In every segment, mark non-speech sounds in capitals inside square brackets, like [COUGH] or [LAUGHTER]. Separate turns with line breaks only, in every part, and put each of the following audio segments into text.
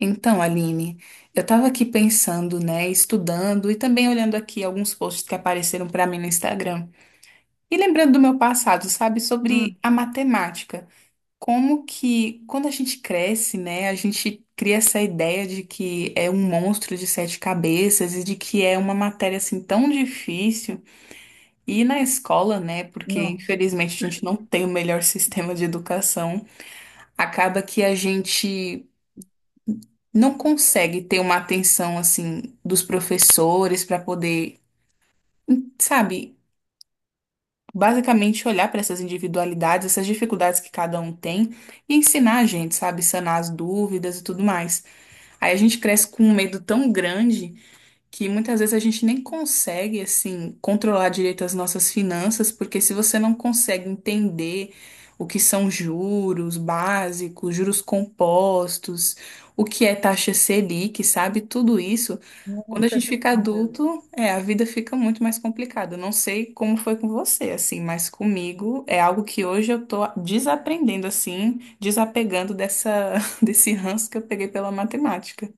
Então, Aline, eu estava aqui pensando, né, estudando e também olhando aqui alguns posts que apareceram para mim no Instagram. E lembrando do meu passado, sabe,
Hum.
sobre a matemática. Como que, quando a gente cresce, né, a gente cria essa ideia de que é um monstro de sete cabeças e de que é uma matéria assim tão difícil. E na escola, né, porque
Nossa,
infelizmente a gente não tem o melhor [LAUGHS] sistema de educação, acaba que a gente. Não consegue ter uma atenção assim dos professores para poder, sabe, basicamente olhar para essas individualidades, essas dificuldades que cada um tem e ensinar a gente, sabe, sanar as dúvidas e tudo mais. Aí a gente cresce com um medo tão grande que muitas vezes a gente nem consegue assim controlar direito as nossas finanças, porque se você não consegue entender o que são juros básicos, juros compostos, o que é taxa Selic, sabe? Tudo isso, quando a
nossa
gente fica
senhora.
adulto, é, a vida fica muito mais complicada. Eu não sei como foi com você, assim, mas comigo é algo que hoje eu tô desaprendendo assim, desapegando dessa [LAUGHS] desse ranço que eu peguei pela matemática.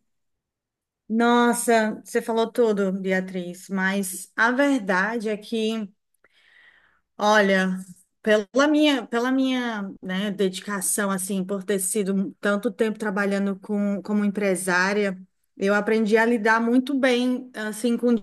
Nossa, você falou tudo, Beatriz, mas a verdade é que, olha, pela minha, né, dedicação, assim, por ter sido tanto tempo trabalhando como empresária, eu aprendi a lidar muito bem, assim, com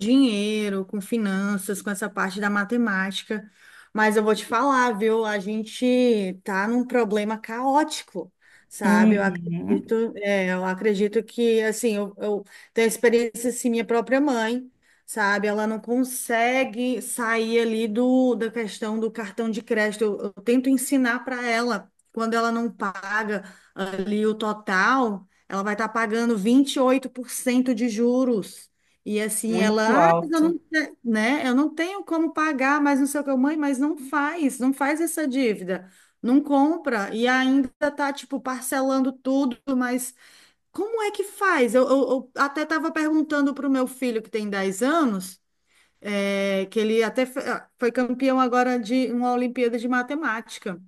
dinheiro, com finanças, com essa parte da matemática. Mas eu vou te falar, viu? A gente tá num problema caótico, sabe? Eu
Uhum,
acredito, é, eu acredito que, assim, eu tenho experiência, assim, minha própria mãe, sabe? Ela não consegue sair ali da questão do cartão de crédito. Eu tento ensinar para ela, quando ela não paga ali o total, ela vai estar pagando 28% de juros. E assim,
muito
ela, ah, mas eu
alto.
não, né? Eu não tenho como pagar, mas não sei o que, mãe, mas não faz, não faz essa dívida. Não compra e ainda tá, tipo, parcelando tudo, mas como é que faz? Eu até estava perguntando para o meu filho, que tem 10 anos, é, que ele até foi campeão agora de uma Olimpíada de Matemática,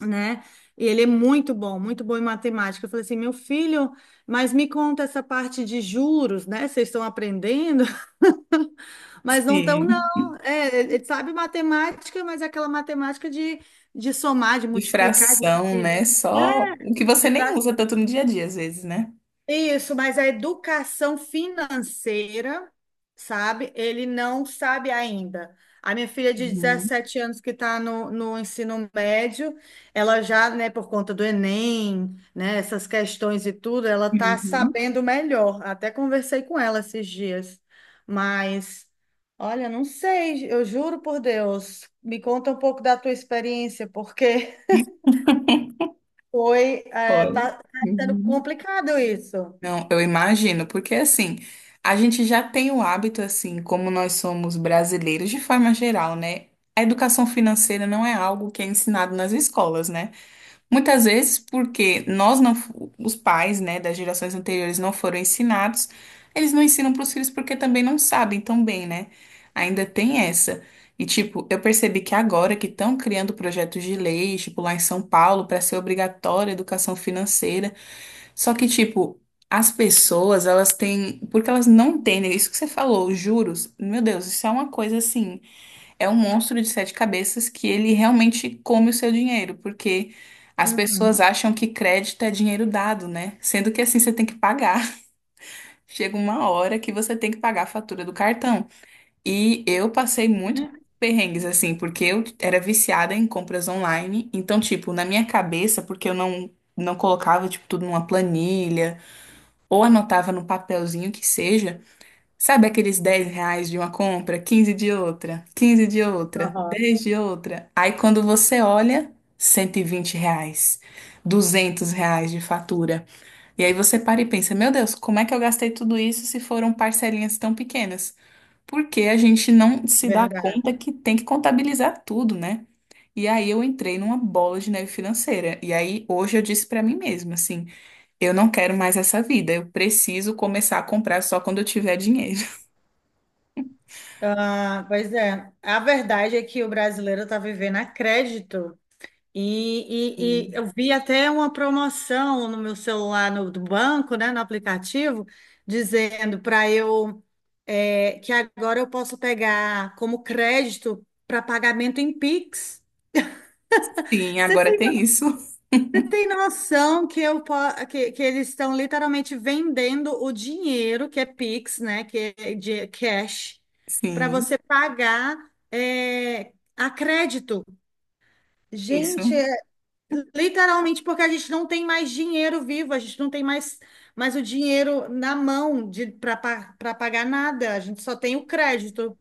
né? E ele é muito bom em matemática. Eu falei assim, meu filho, mas me conta essa parte de juros, né? Vocês estão aprendendo, [LAUGHS] mas não estão,
Sim,
não. É, ele sabe matemática, mas é aquela matemática de somar, de
de
multiplicar,
fração,
de,
né? Só o que
de
você nem usa tanto no dia a dia, às vezes, né?
Isso, mas a educação financeira, sabe? Ele não sabe ainda. A minha filha de
Uhum.
17 anos que está no ensino médio, ela já, né, por conta do Enem, né, essas questões e tudo, ela está
Uhum.
sabendo melhor. Até conversei com ela esses dias. Mas, olha, não sei, eu juro por Deus. Me conta um pouco da tua experiência, porque [LAUGHS] foi, é,
Olha.
tá, tá sendo
Uhum.
complicado isso.
Não, eu imagino, porque assim, a gente já tem o hábito, assim, como nós somos brasileiros, de forma geral, né? A educação financeira não é algo que é ensinado nas escolas, né? Muitas vezes porque nós não, fu- os pais, né, das gerações anteriores não foram ensinados, eles não ensinam para os filhos porque também não sabem tão bem, né? Ainda tem essa. E tipo, eu percebi que agora que estão criando projetos de lei, tipo lá em São Paulo, para ser obrigatória a educação financeira, só que tipo, as pessoas, elas têm, porque elas não entendem, isso que você falou, os juros, meu Deus, isso é uma coisa assim é um monstro de sete cabeças que ele realmente come o seu dinheiro, porque as pessoas
Uhum.
acham que crédito é dinheiro dado, né? Sendo que assim você tem que pagar. [LAUGHS] Chega uma hora que você tem que pagar a fatura do cartão. E eu passei muito perrengues assim, porque eu era viciada em compras online, então tipo, na minha cabeça, porque eu não colocava tipo tudo numa planilha ou anotava no papelzinho que seja, sabe aqueles 10 reais de uma compra, 15 de outra, 15 de outra,
Aham,
10 de outra? Aí quando você olha, 120 reais, 200 reais de fatura. E aí você para e pensa, meu Deus, como é que eu gastei tudo isso se foram parcelinhas tão pequenas? Porque a gente não se dá
verdade.
conta que tem que contabilizar tudo, né? E aí eu entrei numa bola de neve financeira. E aí hoje eu disse pra mim mesma, assim, eu não quero mais essa vida, eu preciso começar a comprar só quando eu tiver dinheiro.
Ah, pois é, a verdade é que o brasileiro está vivendo a crédito. E
Sim.
eu vi até uma promoção no meu celular do banco, né, no aplicativo, dizendo para eu, que agora eu posso pegar como crédito para pagamento em Pix.
Sim, agora
[LAUGHS]
tem isso. [LAUGHS]
Tem noção que, que eles estão literalmente vendendo o dinheiro, que é Pix, né? Que é de cash, para
Sim,
você pagar, é, a crédito.
isso,
Gente, é literalmente porque a gente não tem mais dinheiro vivo, a gente não tem mais o dinheiro na mão de para pagar nada, a gente só tem o crédito.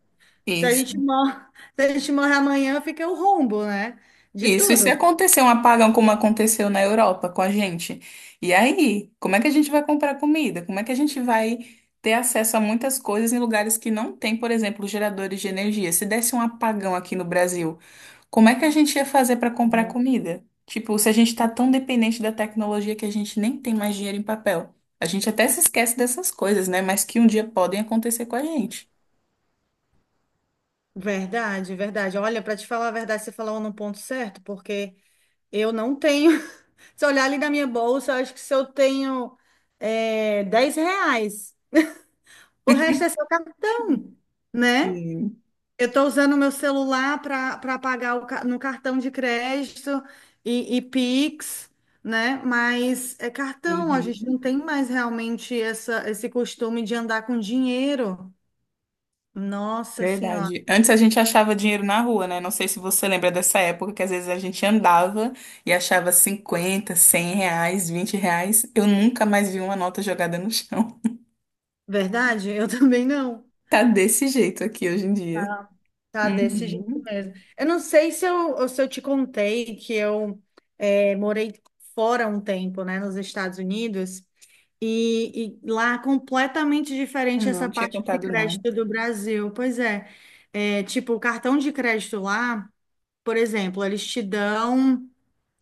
Se a gente
isso,
morre, [LAUGHS] se a gente morre amanhã, fica o rombo, né? De
isso. E se
tudo.
acontecer um apagão como aconteceu na Europa com a gente? E aí, como é que a gente vai comprar comida? Como é que a gente vai ter acesso a muitas coisas em lugares que não tem, por exemplo, geradores de energia? Se desse um apagão aqui no Brasil, como é que a gente ia fazer para comprar comida? Tipo, se a gente está tão dependente da tecnologia que a gente nem tem mais dinheiro em papel. A gente até se esquece dessas coisas, né? Mas que um dia podem acontecer com a gente.
Verdade, verdade. Olha, para te falar a verdade, você falou no ponto certo, porque eu não tenho. [LAUGHS] Se eu olhar ali na minha bolsa, eu acho que se eu tenho, é, 10 reais, o resto é seu cartão, né?
Sim.
Eu estou usando o meu celular para pagar no cartão de crédito e Pix, né? Mas é cartão, a gente
Uhum.
não tem mais realmente essa, esse costume de andar com dinheiro. Nossa Senhora.
Verdade. Antes a gente achava dinheiro na rua, né? Não sei se você lembra dessa época que às vezes a gente andava e achava 50, 100 reais, 20 reais. Eu nunca mais vi uma nota jogada no chão. [LAUGHS]
Verdade? Eu [LAUGHS] também não.
Tá desse jeito aqui hoje em dia.
Tá, tá desse jeito
Uhum.
mesmo. Eu não sei se eu te contei que eu, morei fora um tempo, né, nos Estados Unidos, e lá é completamente diferente essa
Não, tinha
parte de
contado não.
crédito do Brasil. Pois é, é, tipo, o cartão de crédito lá, por exemplo, eles te dão.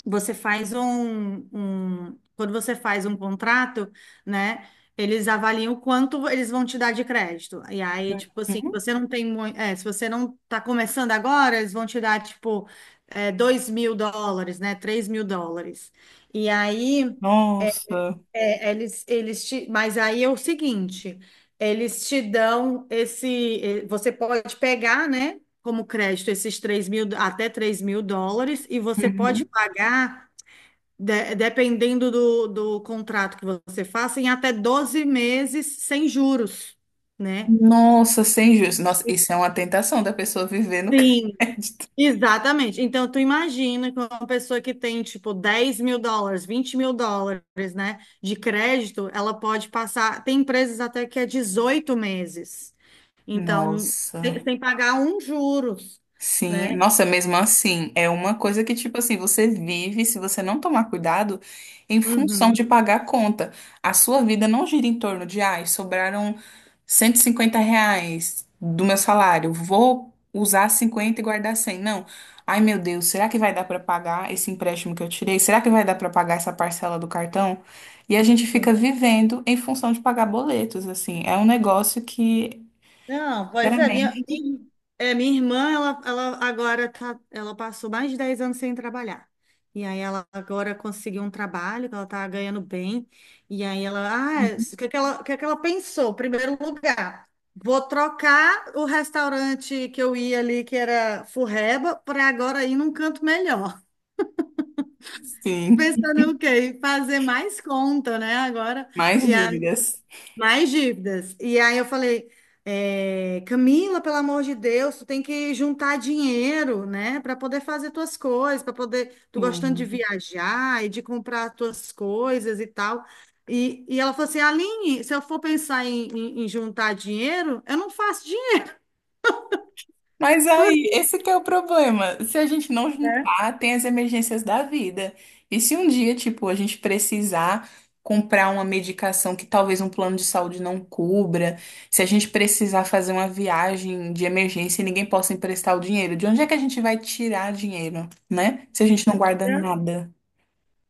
Você faz quando você faz um contrato, né? Eles avaliam o quanto eles vão te dar de crédito. E aí, tipo assim, se
Uhum.
você não tem muito, se você não tá começando agora, eles vão te dar, tipo, 2 mil dólares, né? 3 mil dólares. E aí,
Nossa.
eles te, mas aí é o seguinte, eles te dão esse, você pode pegar, né? Como crédito, esses 3 mil, até 3 mil dólares, e você pode
Uhum.
pagar dependendo do, do contrato que você faça, em até 12 meses sem juros, né?
Nossa, sem juros. Nossa, isso é uma tentação da pessoa viver no [LAUGHS]
Sim,
crédito.
exatamente. Então, tu imagina que uma pessoa que tem, tipo, 10 mil dólares, 20 mil dólares, né, de crédito, ela pode passar. Tem empresas até que é 18 meses. Então, sem
Nossa.
sem pagar um juros,
Sim,
né?
nossa, mesmo assim, é uma coisa que, tipo assim, você vive, se você não tomar cuidado, em função de
Uhum,
pagar a conta. A sua vida não gira em torno de, ai, sobraram 150 reais do meu salário, vou usar 50 e guardar 100. Não. Ai, meu Deus, será que vai dar para pagar esse empréstimo que eu tirei? Será que vai dar para pagar essa parcela do cartão? E a gente fica
sim.
vivendo em função de pagar boletos, assim. É um negócio que,
Não, pois é, minha,
sinceramente,
minha, é, minha irmã, ela agora tá, ela passou mais de 10 anos sem trabalhar. E aí ela agora conseguiu um trabalho, que ela tá ganhando bem. E aí ela,
[LAUGHS]
o que que ela pensou? Primeiro lugar, vou trocar o restaurante que eu ia ali, que era Furreba, para agora ir num canto melhor. [LAUGHS]
sim,
Pensando o quê? Em fazer mais conta, né? Agora.
mais
E
dívidas.
mais dívidas. E aí eu falei, é, Camila, pelo amor de Deus, tu tem que juntar dinheiro, né, para poder fazer tuas coisas, para poder, tu gostando de
Sim.
viajar e de comprar tuas coisas e tal. E ela falou assim, Aline, se eu for pensar em, em juntar dinheiro, eu não faço dinheiro.
Mas aí, esse que é o problema. Se a gente não juntar, tem as emergências da vida. E se um dia, tipo, a gente precisar comprar uma medicação que talvez um plano de saúde não cubra, se a gente precisar fazer uma viagem de emergência e ninguém possa emprestar o dinheiro, de onde é que a gente vai tirar dinheiro, né? Se a gente
[LAUGHS]
não guarda
É.
nada.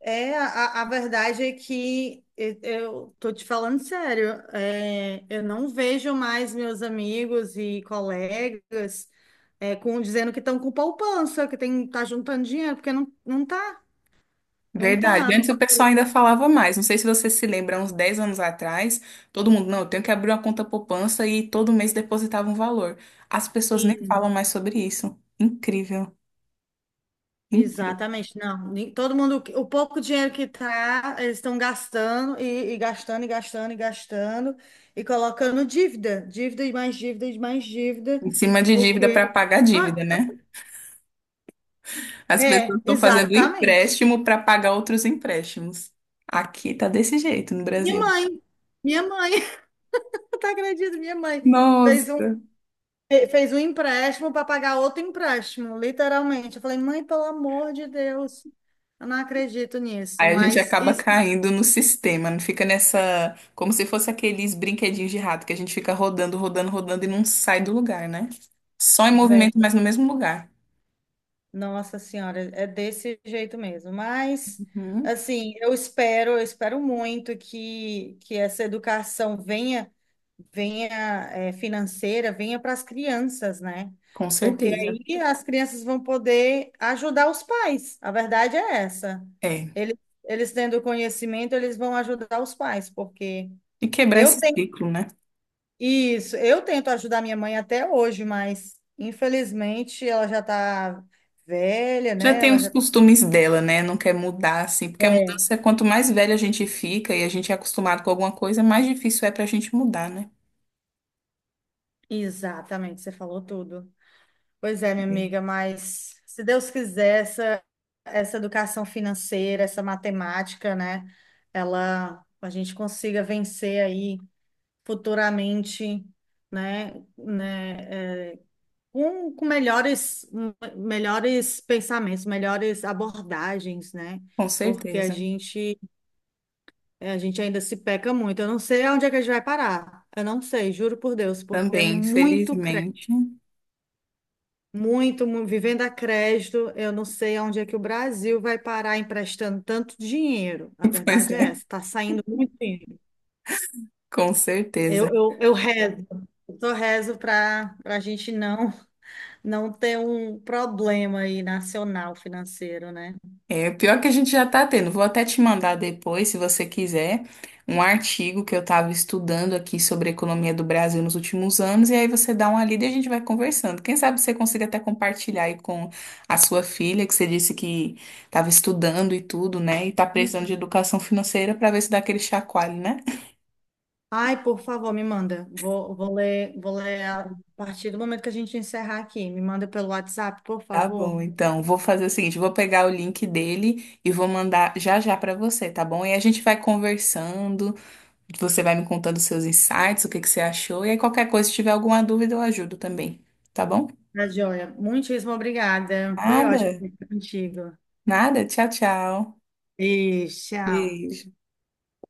É, a verdade é que eu tô te falando sério, é, eu não vejo mais meus amigos e colegas, dizendo que estão com poupança, que tem, tá juntando dinheiro, porque não, não tá, não
Verdade.
tá.
Antes o pessoal
O-
ainda falava mais. Não sei se você se lembra, uns 10 anos atrás, todo mundo, não, eu tenho que abrir uma conta poupança e todo mês depositava um valor. As pessoas nem falam
Sim,
mais sobre isso. Incrível, incrível.
exatamente, não. Todo mundo, o pouco dinheiro que tá, eles estão gastando e gastando e gastando e gastando e colocando dívida, dívida e mais dívida e mais dívida,
Em cima de dívida para
porque...
pagar dívida, né? As pessoas
É,
estão fazendo
exatamente.
empréstimo para pagar outros empréstimos. Aqui tá desse jeito no
Minha
Brasil.
mãe, minha mãe, [LAUGHS] tu acredito, minha mãe fez um,
Nossa.
fez um empréstimo para pagar outro empréstimo, literalmente. Eu falei, mãe, pelo amor de Deus, eu não acredito nisso,
Aí a gente
mas
acaba
isso,
caindo no sistema, não fica nessa. Como se fosse aqueles brinquedinhos de rato que a gente fica rodando, rodando, rodando e não sai do lugar, né? Só em movimento, mas no mesmo lugar.
Nossa Senhora, é desse jeito mesmo. Mas,
Uhum,
assim, eu espero muito que essa educação venha, venha, financeira, venha para as crianças, né?
com
Porque
certeza.
aí as crianças vão poder ajudar os pais. A verdade é essa.
É.
Eles, eles tendo conhecimento, eles vão ajudar os pais, porque
E quebrar
eu
esse
tenho
ciclo, né?
isso, eu tento ajudar minha mãe até hoje, mas infelizmente ela já está velha,
Já
né?
tem
Ela
os
já
costumes dela, né? Não quer mudar, assim. Porque a
é,
mudança, é quanto mais velha a gente fica e a gente é acostumado com alguma coisa, mais difícil é pra gente mudar, né?
exatamente, você falou tudo. Pois é, minha
É,
amiga, mas se Deus quiser, essa educação financeira, essa matemática, né, ela, a gente consiga vencer aí futuramente, né, né, com, melhores, melhores pensamentos, melhores abordagens, né,
com
porque a
certeza.
gente, a gente ainda se peca muito. Eu não sei aonde é que a gente vai parar. Eu não sei, juro por Deus, porque é
Também,
muito
felizmente.
muito, vivendo a crédito, eu não sei aonde é que o Brasil vai parar emprestando tanto dinheiro. A
[LAUGHS] Pois
verdade é
é,
essa, está saindo muito dinheiro.
com
Eu,
certeza.
eu, eu rezo, eu só rezo para a gente não ter um problema aí nacional financeiro, né?
É, pior que a gente já tá tendo. Vou até te mandar depois, se você quiser, um artigo que eu tava estudando aqui sobre a economia do Brasil nos últimos anos, e aí você dá uma lida e a gente vai conversando. Quem sabe você consiga até compartilhar aí com a sua filha, que você disse que tava estudando e tudo, né? E tá precisando de educação financeira pra ver se dá aquele chacoalho, né?
Ai, por favor, me manda. Vou ler a partir do momento que a gente encerrar aqui. Me manda pelo WhatsApp, por
Tá bom,
favor.
então vou fazer o seguinte, vou pegar o link dele e vou mandar já já pra você, tá bom? E a gente vai conversando. Você vai me contando seus insights, o que que você achou, e aí qualquer coisa, se tiver alguma dúvida, eu ajudo também, tá bom?
Tá joia. Muitíssimo obrigada. Foi ótimo
Nada,
conversar contigo.
nada. Tchau, tchau.
E tchau.
Beijo.